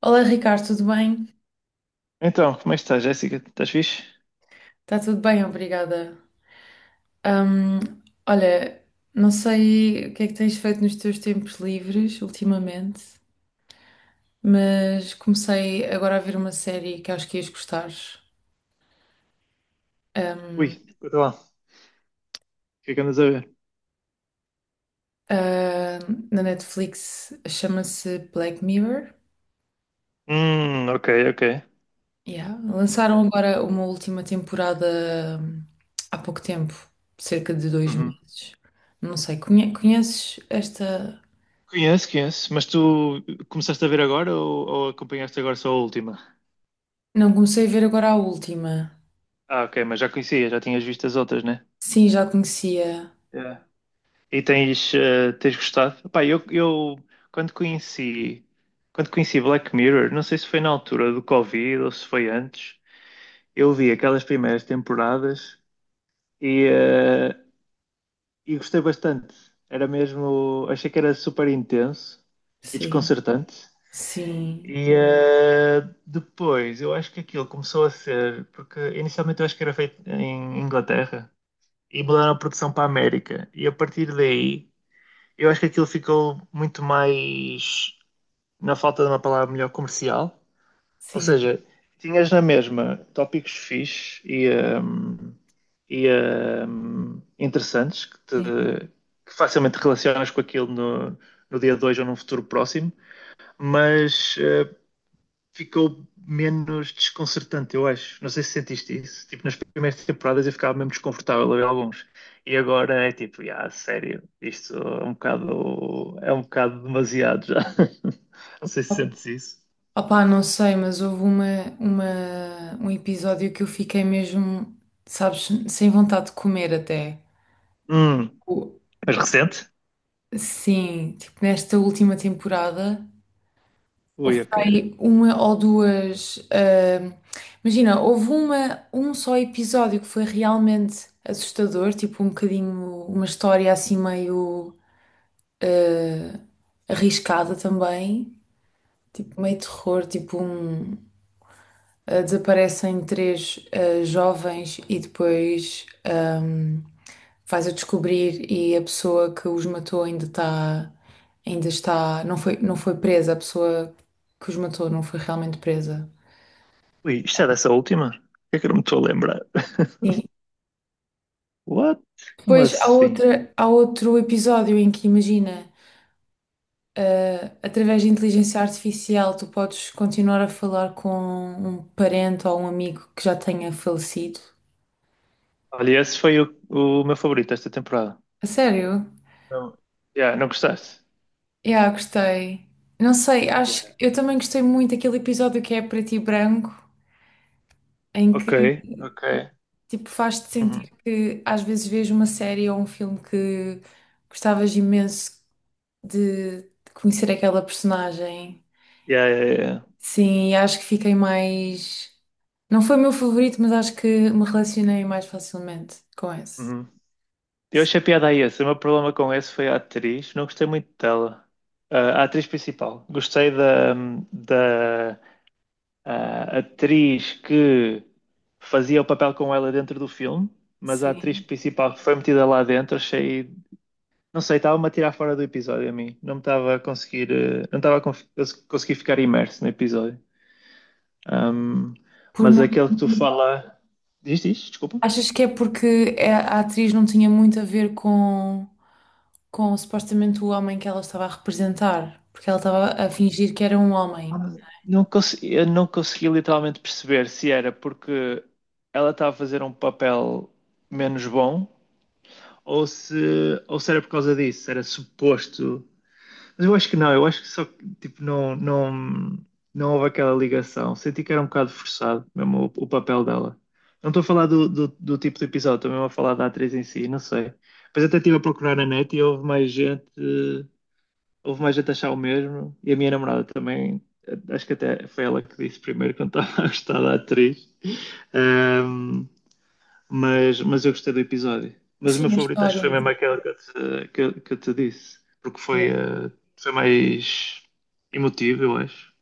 Olá, Ricardo, tudo bem? Então, como é que estás, Jéssica? Estás fixe? Está tudo bem, obrigada. Hum, Olha, não sei o que é que tens feito nos teus tempos livres ultimamente, mas comecei agora a ver uma série que acho que ias gostar. Ui, Hum, escuta lá. O que é que andas a ver? ah, Na Netflix chama-se Black Mirror. Ok, ok. Yeah. Lançaram agora uma última temporada há pouco tempo, cerca de dois Uhum. meses. Não sei, conheces esta? Conheço, conheço. Mas tu começaste a ver agora ou acompanhaste agora só a última? Não, comecei a ver agora a última. Ah, ok, mas já conhecia, já tinhas visto as outras, né? Sim, já conhecia. Yeah. E tens gostado? Pá, eu quando conheci, quando conheci Black Mirror, não sei se foi na altura do Covid ou se foi antes, eu vi aquelas primeiras temporadas. e eh, e gostei bastante. Era mesmo, achei que era super intenso e Sim, desconcertante. sim, E eh, Depois, eu acho que aquilo começou a ser, porque inicialmente eu acho que era feito em Inglaterra e mudaram a produção para a América. E a partir daí, eu acho que aquilo ficou muito mais, na falta de uma palavra melhor, comercial. Ou sim, seja, tinhas na mesma tópicos fixe e interessantes que, sim. te- que facilmente relacionas com aquilo no dia 2 ou num futuro próximo, mas ficou menos desconcertante, eu acho. Não sei se sentiste isso. Tipo, nas primeiras temporadas eu ficava mesmo desconfortável a ver alguns. E agora é tipo, ah, sério, isto é um bocado demasiado já. Não sei se Op- sentes isso. Opá, não sei, mas houve um episódio que eu fiquei mesmo, sabes, sem vontade de comer até. Hum, O- mas recente? Sim, tipo, nesta última temporada, houve Ui, ok. aí uma ou duas. Imagina, houve um só episódio que foi realmente assustador, tipo, um bocadinho, uma história assim meio ah, arriscada também. Tipo, meio terror, tipo um desaparecem três jovens e depois faz-a descobrir e a pessoa que os matou ainda está. Ainda está. Não foi presa, a pessoa que os matou não foi realmente presa. Ui, isto é dessa última? Que é que eu não me estou a lembrar? Sim. What? Como Depois há assim? outra, há outro episódio em que imagina, através de inteligência artificial, tu podes continuar a falar com um parente ou um amigo que já tenha falecido. Olha, esse foi o meu favorito esta temporada. A sério? Não, yeah, não gostaste? Yeah, gostei. Não sei, Yeah. acho que eu também gostei muito daquele episódio que é preto e branco, em que Ok, ok. tipo faz-te sentir Uhum. que às vezes vês uma série ou um filme que gostavas imenso de conhecer aquela personagem. Yeah, yeah, yeah. Sim, e acho que fiquei mais. Não foi o meu favorito, mas acho que me relacionei mais facilmente com esse. Uhum. Eu achei piada a esse. O meu problema com esse foi a atriz. Não gostei muito dela. Ah, a atriz principal. Gostei da atriz que fazia o papel com ela dentro do filme, mas a atriz Sim. principal que foi metida lá dentro achei. Não sei, estava-me a tirar fora do episódio a mim. Não me estava a conseguir, não estava a conseguir ficar imerso no episódio. Ahm, Por mas não. aquele que tu fala. Diz, diz, desculpa. Achas que é porque a atriz não tinha muito a ver com supostamente o homem que ela estava a representar? Porque ela estava a fingir que era um homem. Ah, eu não consegui literalmente perceber se era porque ela estava a fazer um papel menos bom ou se era por causa disso. Era suposto. Mas eu acho que não, eu acho que só que, tipo, não, não, não houve aquela ligação. Senti que era um bocado forçado mesmo o papel dela. Não estou a falar do tipo de episódio, estou mesmo a falar da atriz em si, não sei. Depois até estive a procurar na net e houve mais gente a achar o mesmo. E a minha namorada também, acho que até foi ela que disse primeiro quando estava a gostar da atriz. Ahm, mas eu gostei do episódio. Mas o meu Sim, a favorito acho história que foi em si. mesmo aquele que eu te disse, porque foi, Yeah. eh, foi mais emotivo, eu acho.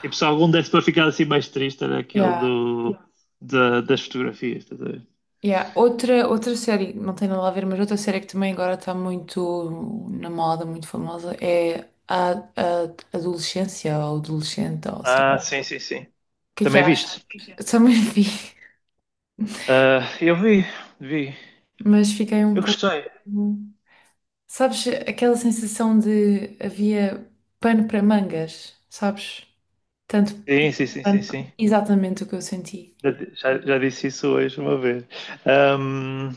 Tipo, se algum desse para ficar assim mais triste era aquele Yeah. Das fotografias, estás a ver? Yeah. Outra, outra série, não tem nada a ver, mas outra série que também agora está muito na moda, muito famosa, é a Adolescência ou Adolescente, ou sei lá. Ah, O sim, sim, sim. que é que Também achas? viste? Também vi, Ah, eu vi, vi. mas fiquei um Eu pouco. gostei. Sabes, aquela sensação de havia pano para mangas, sabes? Tanto Sim, sim, sim, sim, pano, sim. exatamente o que eu senti. Já disse isso hoje uma vez. Ahm,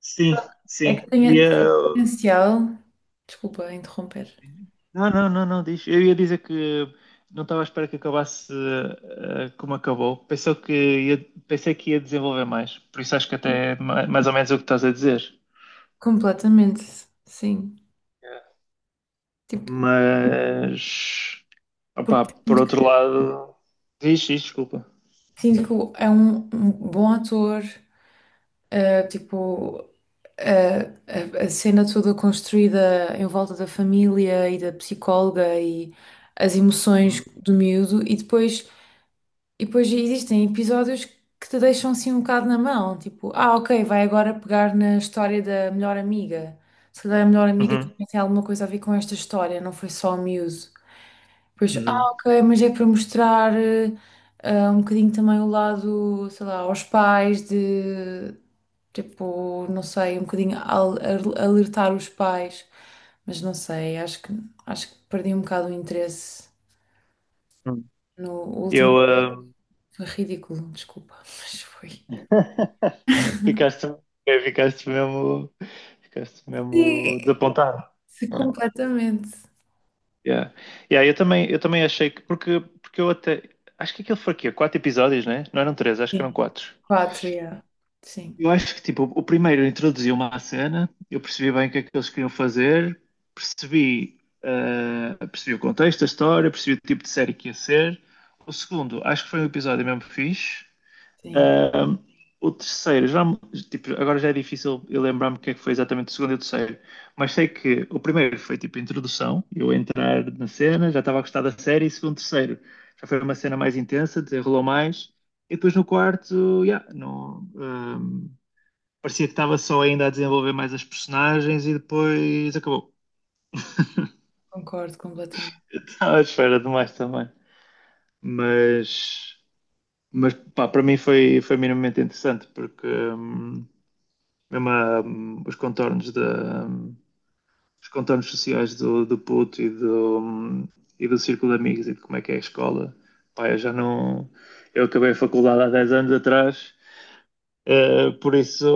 sim, É sim. que tinha tanto potencial. Desculpa interromper. Não, não, não, não, diz. Eu ia dizer que não estava à espera que acabasse como acabou. Pensei que ia desenvolver mais. Por isso acho que até é mais ou menos o que estás a dizer. Completamente, sim. Tipo, Mas, opá, porque por sinto, outro lado, diz, diz, desculpa. sinto que é um, um bom ator, tipo, eh, a cena toda construída em volta da família e da psicóloga e as emoções Uhum, do miúdo, e depois existem episódios que te deixam assim um bocado na mão, tipo, ah, ok, vai agora pegar na história da melhor amiga. Se calhar a melhor amiga uhum, também tem alguma coisa a ver com esta história, não foi só o miúdo. Pois, ah, ok, mas é para mostrar um bocadinho também o lado, sei lá, aos pais de, tipo, não sei, um bocadinho alertar os pais, mas não sei, acho que perdi um bocado o interesse uhum. no último, Eu, eh, foi ridículo, desculpa, mas foi. ficaste, eh, ficaste mesmo, ficaste mesmo Sim. desapontado. Sim, completamente. Yeah. Yeah, eu também achei que, porque eu até, acho que aquilo foi aqui, quatro episódios, né? Não eram três, acho que eram Sim. quatro. Quatro, yeah. Sim, Eu acho que, tipo, o primeiro introduziu-me à cena, eu percebi bem o que é que eles queriam fazer, percebi o contexto, a história, percebi o tipo de série que ia ser. O segundo, acho que foi um episódio mesmo fixe. sim, Ahm, o terceiro, já, tipo, agora já é difícil eu lembrar-me o que é que foi exatamente o segundo e o terceiro, mas sei que o primeiro foi tipo introdução, eu entrar na cena, já estava a gostar da série, e segundo, terceiro, já foi uma cena mais intensa, desenrolou mais, e depois no quarto, yeah, não, parecia que estava só ainda a desenvolver mais as personagens e depois acabou. concordo completamente. Estava à espera demais também. Mas, mas pá, para mim foi minimamente interessante, porque mesmo a, os contornos da os contornos sociais do puto e do e do círculo de amigos e de como é que é a escola. Pá, eu já não eu acabei a faculdade há 10 anos atrás, por isso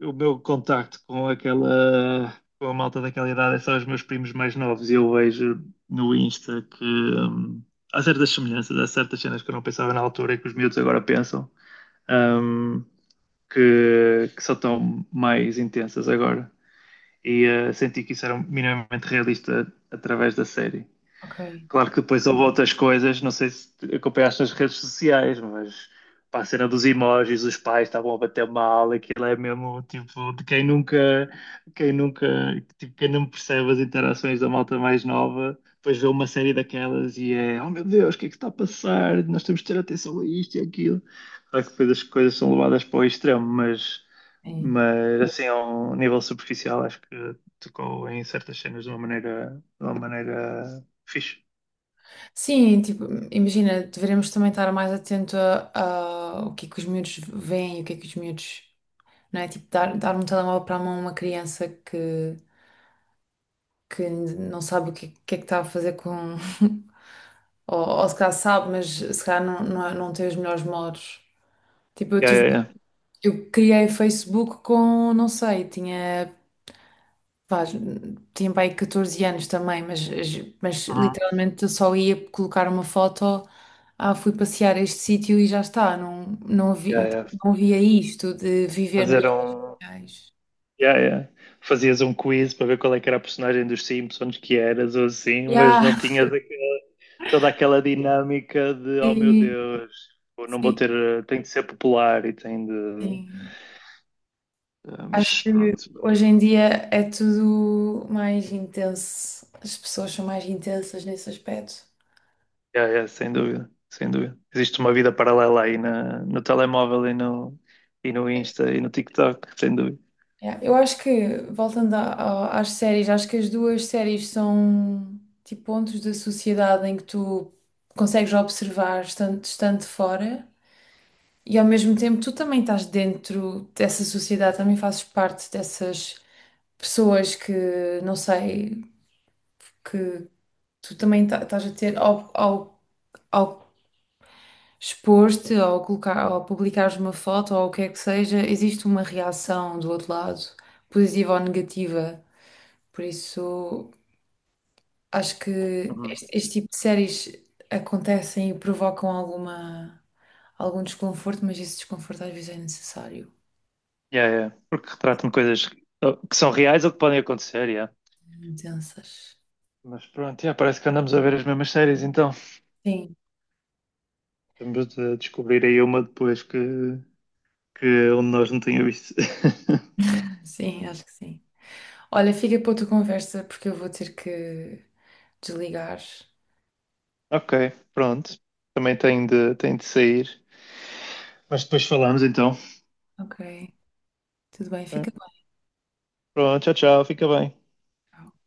o meu contacto com aquela com a malta daquela idade é só os meus primos mais novos e eu vejo no Insta que há certas semelhanças, há certas cenas que eu não pensava na altura e que os miúdos agora pensam. hum, que só estão mais intensas agora e senti que isso era minimamente realista através da série. Ok. Claro que depois houve outras coisas, não sei se acompanhaste nas redes sociais, mas pá, a cena dos emojis, os pais estavam a bater mal, aquilo é mesmo tipo de quem nunca, tipo, quem não percebe as interações da malta mais nova, depois vê uma série daquelas e é, oh meu Deus, o que é que está a passar? Nós temos de ter atenção a isto e aquilo. Claro que depois as coisas são levadas para o extremo, mas, É, mas assim, a um nível superficial, acho que tocou em certas cenas de uma maneira fixe. sim, tipo, imagina, deveremos também estar mais atento a o que é que os miúdos veem e o que é que os miúdos, não é? Tipo, dar um telemóvel para a mão a uma criança que não sabe que é que está a fazer com. Ou se calhar sabe, mas se calhar não, não, é, não tem os melhores modos. Tipo, eu Yeah, tive, yeah, yeah. eu criei Facebook com, não sei, tinha, pá, tinha para aí 14 anos também, mas Uhum. literalmente eu só ia colocar uma foto, ah, fui passear a este sítio e já está, não, não, Yeah, vi, yeah. não via isto de viver nas Fazer um. reais. Yeah, yeah. Fazias um quiz para ver qual é que era a personagem dos Simpsons que eras ou assim, mas Yeah, não tinhas toda aquela dinâmica de oh meu sim, Deus, eu não vou sim, ter, tem de ser popular e tem de. sim. Ah, Acho mas que pronto. hoje em dia é tudo mais intenso, as pessoas são mais intensas nesse aspecto. Yeah, yeah, sem dúvida, sem dúvida. Existe uma vida paralela aí no telemóvel e no Insta e no TikTok, sem dúvida. Yeah, eu acho que, voltando às séries, acho que as duas séries são tipo pontos da sociedade em que tu consegues observar estando, estando de fora e ao mesmo tempo tu também estás dentro dessa sociedade, também fazes parte dessas pessoas que, não sei, que tu também estás a ter ao expor-te, ao colocar, ao publicares uma foto ou o que é que seja, existe uma reação do outro lado, positiva ou negativa. Por isso, acho que este, Uhum. este tipo de séries acontecem e provocam alguma, algum desconforto, mas esse desconforto às vezes é necessário. Yeah, yeah. Porque retratam coisas que são reais ou que podem acontecer, yeah. Intensas. Mas pronto, yeah, parece que andamos a ver as mesmas séries então. Sim, Estamos a descobrir aí uma depois que onde nós não tínhamos visto. sim, acho que sim. Olha, fica para outra conversa porque eu vou ter que desligar. Ok, pronto. Também tenho de sair. Mas depois falamos então. Ok, tudo bem, fica Ok. Pronto, tchau, tchau. Fica bem. bem.